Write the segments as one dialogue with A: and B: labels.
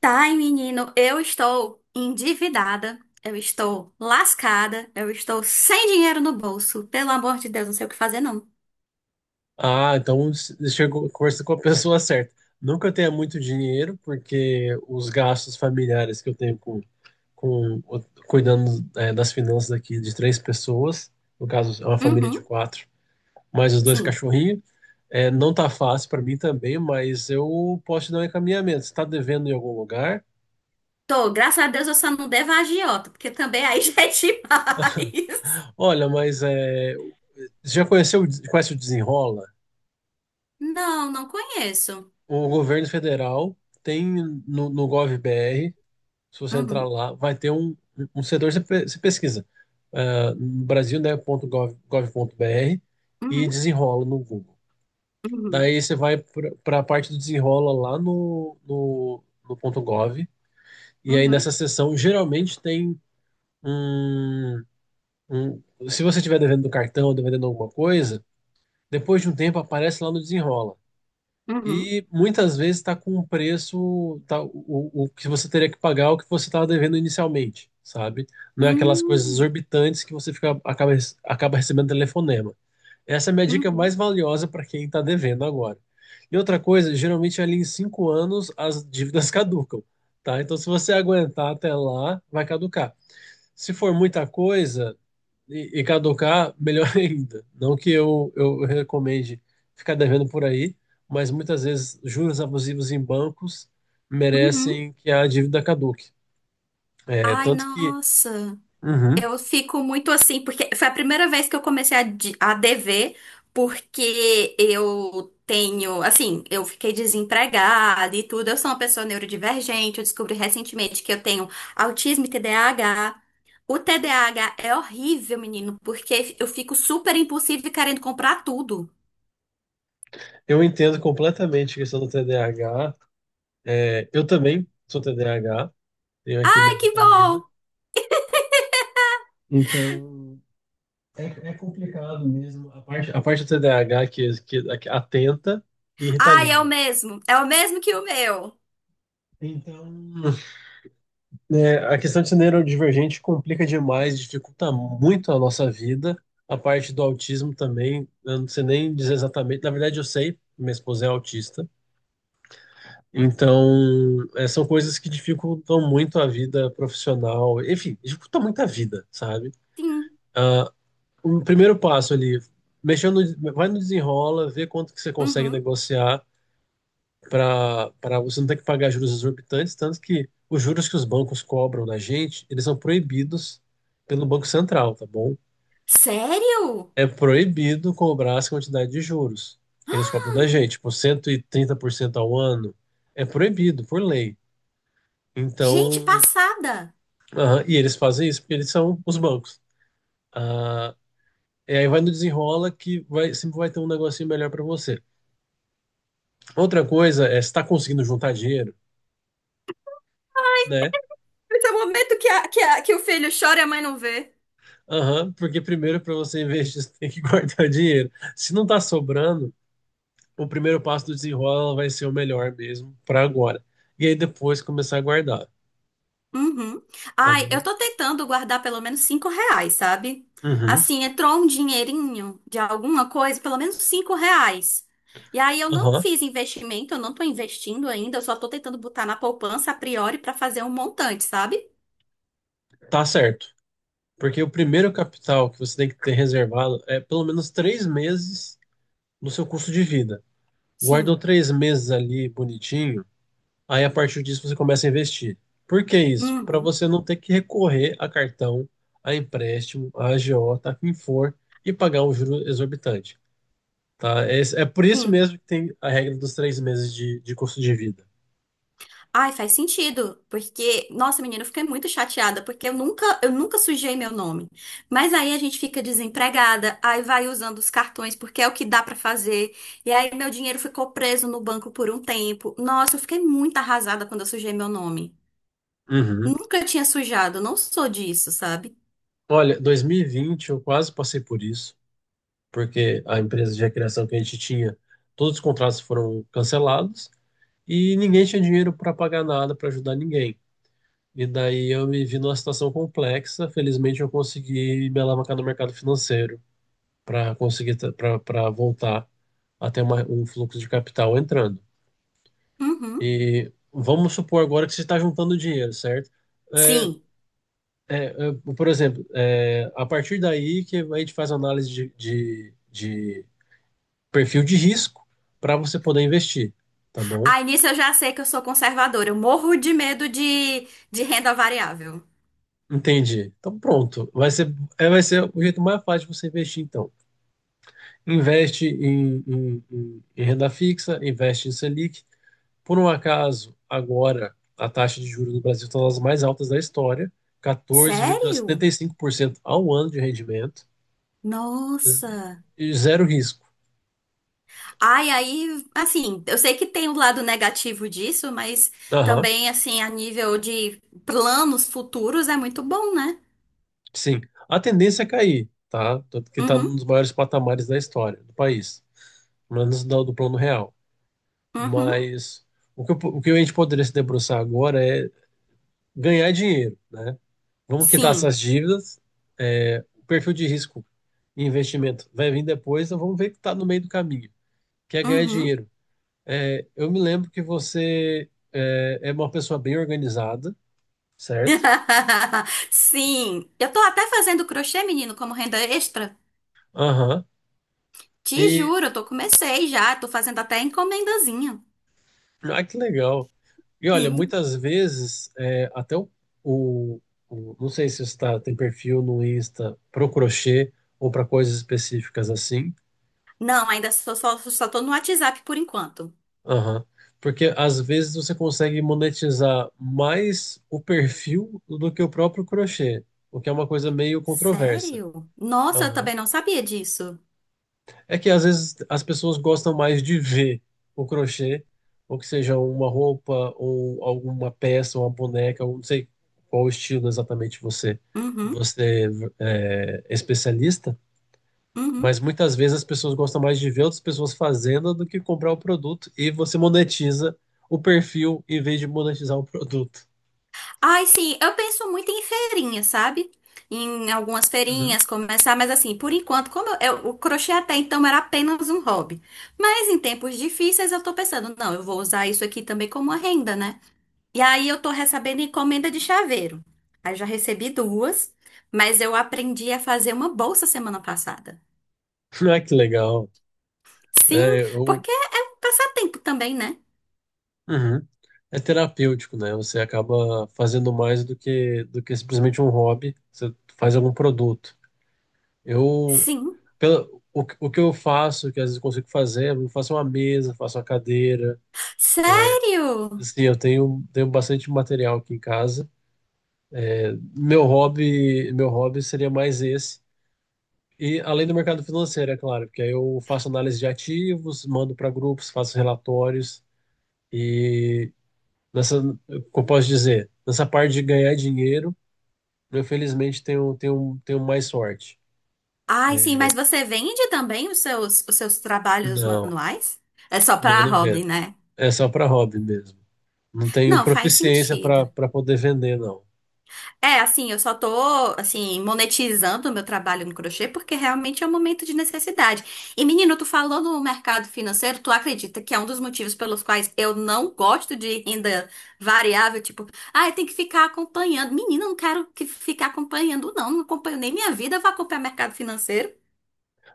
A: Tá, e menino, eu estou endividada, eu estou lascada, eu estou sem dinheiro no bolso. Pelo amor de Deus, não sei o que fazer, não.
B: Ah, então chegou, conversa com a pessoa certa. Não que eu tenha muito dinheiro, porque os gastos familiares que eu tenho com cuidando, das finanças aqui de três pessoas, no caso é uma família de
A: Uhum,
B: quatro, mais os dois
A: sim.
B: cachorrinhos. Não tá fácil para mim também, mas eu posso te dar um encaminhamento. Você tá devendo em algum lugar?
A: Tô, graças a Deus eu só não devo a agiota, porque também aí já é demais.
B: Olha, você já conheceu, o des- conhece o Desenrola?
A: Não, não conheço.
B: O governo federal tem no gov.br. Se você entrar
A: Uhum,
B: lá, vai ter um setor, você pesquisa, ah, no Brasil, né, ponto gov.br e
A: uhum,
B: desenrola no Google.
A: uhum,
B: Daí você vai para a parte do desenrola lá no ponto .gov, e aí
A: uhum,
B: nessa seção geralmente tem um, um- se você estiver devendo do cartão, devendo alguma coisa, depois de um tempo aparece lá no desenrola.
A: uhum,
B: E muitas vezes está com um preço, tá, o que você teria que pagar é o que você estava devendo inicialmente, sabe? Não é aquelas coisas
A: uhum,
B: exorbitantes que você fica, acaba recebendo telefonema. Essa é a minha dica
A: uhum,
B: mais valiosa para quem está devendo agora. E outra coisa, geralmente ali em 5 anos as dívidas caducam, tá? Então se você aguentar até lá, vai caducar se for muita coisa, e caducar, melhor ainda. Não que eu recomende ficar devendo por aí, mas muitas vezes juros abusivos em bancos
A: uhum.
B: merecem que a dívida caduque. É,
A: Ai,
B: tanto que...
A: nossa.
B: Uhum.
A: Eu fico muito assim, porque foi a primeira vez que eu comecei a dever, porque eu tenho, assim, eu fiquei desempregada e tudo. Eu sou uma pessoa neurodivergente, eu descobri recentemente que eu tenho autismo e TDAH. O TDAH é horrível, menino, porque eu fico super impulsiva e querendo comprar tudo.
B: Eu entendo completamente a questão do TDAH. É, eu também sou TDAH, tenho aqui
A: Ai,
B: minha
A: que
B: Ritalina.
A: bom!
B: Então, é complicado mesmo a parte do TDAH que atenta e
A: Ai,
B: Ritalina.
A: é o mesmo que o meu.
B: Então, né, a questão de ser neurodivergente complica demais, dificulta muito a nossa vida. A parte do autismo também, eu não sei nem dizer exatamente. Na verdade, eu sei, minha esposa é autista. Então, é, são coisas que dificultam muito a vida profissional. Enfim, dificulta muito a vida, sabe?
A: Sim.
B: Ah, o primeiro passo ali, mexendo, vai no desenrola, vê quanto que você consegue
A: Uhum.
B: negociar para você não ter que pagar juros exorbitantes, tanto que os juros que os bancos cobram da gente, eles são proibidos pelo Banco Central, tá bom?
A: Sério?
B: É proibido cobrar essa quantidade de juros que eles cobram da gente, tipo 130% ao ano, é proibido por lei.
A: Gente,
B: Então,
A: passada!
B: aham, e eles fazem isso porque eles são os bancos. Ah, e aí vai no desenrola que vai, sempre vai ter um negocinho melhor para você. Outra coisa é se está conseguindo juntar dinheiro, né?
A: Esse é o momento que, a- que, a- que o filho chora e a mãe não vê.
B: Aham, porque primeiro para você investir, você tem que guardar dinheiro. Se não tá sobrando, o primeiro passo do desenrola vai ser o melhor mesmo para agora. E aí depois começar a guardar,
A: Uhum.
B: tá
A: Ai, eu
B: bom?
A: tô tentando guardar pelo menos 5 reais, sabe?
B: Uhum,
A: Assim, entrou um dinheirinho de alguma coisa, pelo menos 5 reais. E aí eu não
B: aham,
A: fiz investimento, eu não tô investindo ainda, eu só tô tentando botar na poupança a priori pra fazer um montante, sabe?
B: tá certo. Porque o primeiro capital que você tem que ter reservado é pelo menos 3 meses do seu custo de vida. Guardou
A: Sim.
B: 3 meses ali bonitinho, aí a partir disso você começa a investir. Por que isso? Para
A: Uhum.
B: você não ter que recorrer a cartão, a empréstimo, a agiota, a quem for, e pagar um juro exorbitante. Tá? É, é por isso
A: Sim.
B: mesmo que tem a regra dos 3 meses de custo de vida.
A: Ai, faz sentido, porque, nossa, menina, eu fiquei muito chateada, porque eu nunca sujei meu nome. Mas aí a gente fica desempregada, aí vai usando os cartões, porque é o que dá pra fazer. E aí meu dinheiro ficou preso no banco por um tempo. Nossa, eu fiquei muito arrasada quando eu sujei meu nome.
B: Uhum.
A: Nunca tinha sujado, não sou disso, sabe?
B: Olha, 2020 eu quase passei por isso, porque a empresa de recreação que a gente tinha, todos os contratos foram cancelados e ninguém tinha dinheiro para pagar nada, para ajudar ninguém. E daí eu me vi numa situação complexa. Felizmente eu consegui me alavancar no mercado financeiro para conseguir, para voltar a ter um fluxo de capital entrando.
A: Uhum.
B: E vamos supor agora que você está juntando dinheiro, certo? É,
A: Sim.
B: é, por exemplo, é, a partir daí que a gente faz análise de perfil de risco para você poder investir, tá bom?
A: Aí nisso eu já sei que eu sou conservadora, eu morro de medo de renda variável.
B: Entendi. Então pronto. Vai ser o jeito mais fácil de você investir, então. Investe em, em renda fixa, investe em Selic. Por um acaso, agora a taxa de juros do Brasil está nas mais altas da história,
A: Sério?
B: 14,75% ao ano de rendimento, z-
A: Nossa.
B: e zero risco.
A: Ai, aí, assim, eu sei que tem o lado negativo disso, mas
B: Aham,
A: também, assim, a nível de planos futuros é muito bom, né?
B: sim. A tendência é cair, tá? Tanto que está num
A: Uhum,
B: dos maiores patamares da história do país, pelo menos do plano real.
A: uhum,
B: Mas o que a gente poderia se debruçar agora é ganhar dinheiro, né? Vamos quitar
A: sim,
B: essas dívidas. É, o perfil de risco e investimento vai vir depois, então vamos ver que está no meio do caminho, que é ganhar
A: uhum.
B: dinheiro. É, eu me lembro que você é, é uma pessoa bem organizada, certo?
A: Sim, eu tô até fazendo crochê, menino, como renda extra.
B: Aham.
A: Te
B: E,
A: juro, eu tô comecei já, tô fazendo até encomendazinha.
B: ah, que legal. E olha,
A: Sim.
B: muitas vezes, é, até o, o- não sei se você tá, tem perfil no Insta para o crochê ou para coisas específicas assim.
A: Não, ainda só tô no WhatsApp por enquanto.
B: Aham. Porque às vezes você consegue monetizar mais o perfil do que o próprio crochê, o que é uma coisa meio controversa.
A: Sério? Nossa, eu
B: Aham.
A: também não sabia disso.
B: É que às vezes as pessoas gostam mais de ver o crochê, ou que seja uma roupa, ou alguma peça, uma boneca, ou não sei qual estilo exatamente você,
A: Uhum,
B: você é, especialista.
A: uhum.
B: Mas muitas vezes as pessoas gostam mais de ver outras pessoas fazendo do que comprar o produto, e você monetiza o perfil em vez de monetizar o produto.
A: Ai, sim, eu penso muito em feirinha, sabe? Em algumas
B: Uhum.
A: feirinhas começar, mas assim, por enquanto, como o crochê até então era apenas um hobby. Mas em tempos difíceis eu tô pensando, não, eu vou usar isso aqui também como uma renda, né? E aí eu tô recebendo encomenda de chaveiro. Aí já recebi duas, mas eu aprendi a fazer uma bolsa semana passada.
B: Ah, que legal.
A: Sim,
B: É, eu-
A: porque é um passatempo também, né?
B: Uhum. É terapêutico, né? Você acaba fazendo mais do que simplesmente um hobby, você faz algum produto. Eu,
A: Sim.
B: pela, o, que- O que eu faço, que às vezes eu consigo fazer, eu faço uma mesa, faço uma cadeira.
A: Sério?
B: Assim, eu tenho bastante material aqui em casa. Meu hobby seria mais esse. E além do mercado financeiro, é claro, porque aí eu faço análise de ativos, mando para grupos, faço relatórios e nessa, como eu posso dizer, nessa parte de ganhar dinheiro, eu felizmente tenho mais sorte.
A: Ai, sim,
B: É,
A: mas você vende também os seus trabalhos
B: Não,
A: manuais? É só
B: não,
A: pra
B: não
A: hobby,
B: vendo.
A: né?
B: É só para hobby mesmo. Não tenho
A: Não, faz
B: proficiência para
A: sentido.
B: para poder vender, não.
A: É, assim, eu só tô, assim, monetizando o meu trabalho no crochê porque realmente é um momento de necessidade. E, menino, tu falou no mercado financeiro, tu acredita que é um dos motivos pelos quais eu não gosto de renda variável? Tipo, ah, eu tenho que ficar acompanhando. Menina, eu não quero que ficar acompanhando, não. Não acompanho nem minha vida, eu vou acompanhar mercado financeiro.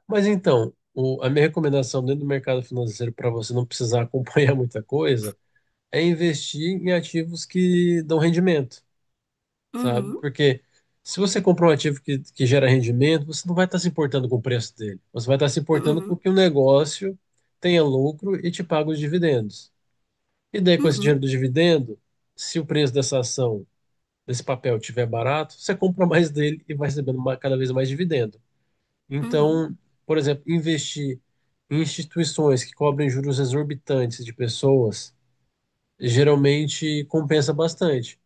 B: Mas então, a minha recomendação dentro do mercado financeiro para você não precisar acompanhar muita coisa é investir em ativos que dão rendimento. Sabe?
A: Uhum,
B: Porque se você comprar um ativo que gera rendimento, você não vai estar se importando com o preço dele. Você vai estar se importando com
A: uhum,
B: que o negócio tenha lucro e te pague os dividendos. E daí, com esse
A: uhum,
B: dinheiro do dividendo, se o preço dessa ação, desse papel, tiver barato, você compra mais dele e vai recebendo ma- cada vez mais dividendo.
A: uhum.
B: Então, por exemplo, investir em instituições que cobrem juros exorbitantes de pessoas geralmente compensa bastante,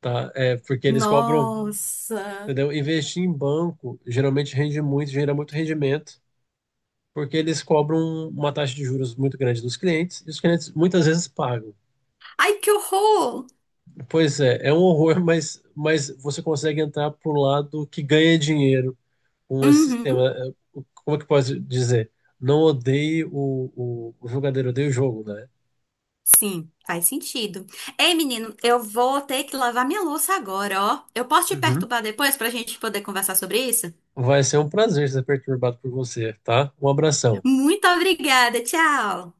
B: tá? É porque eles cobram...
A: Nossa!
B: Entendeu? Investir em banco geralmente rende muito, gera muito rendimento, porque eles cobram uma taxa de juros muito grande dos clientes, e os clientes muitas vezes pagam.
A: Ai, que horror!
B: Pois é, é um horror, mas você consegue entrar para o lado que ganha dinheiro com esse
A: Uhum.
B: sistema. Como é que pode dizer? Não odeie o jogador, odeie o jogo, né?
A: Sim, faz sentido. Ei, menino, eu vou ter que lavar minha louça agora, ó. Eu posso te
B: Uhum.
A: perturbar depois pra gente poder conversar sobre isso?
B: Vai ser um prazer ser perturbado por você, tá? Um abração.
A: Muito obrigada, tchau!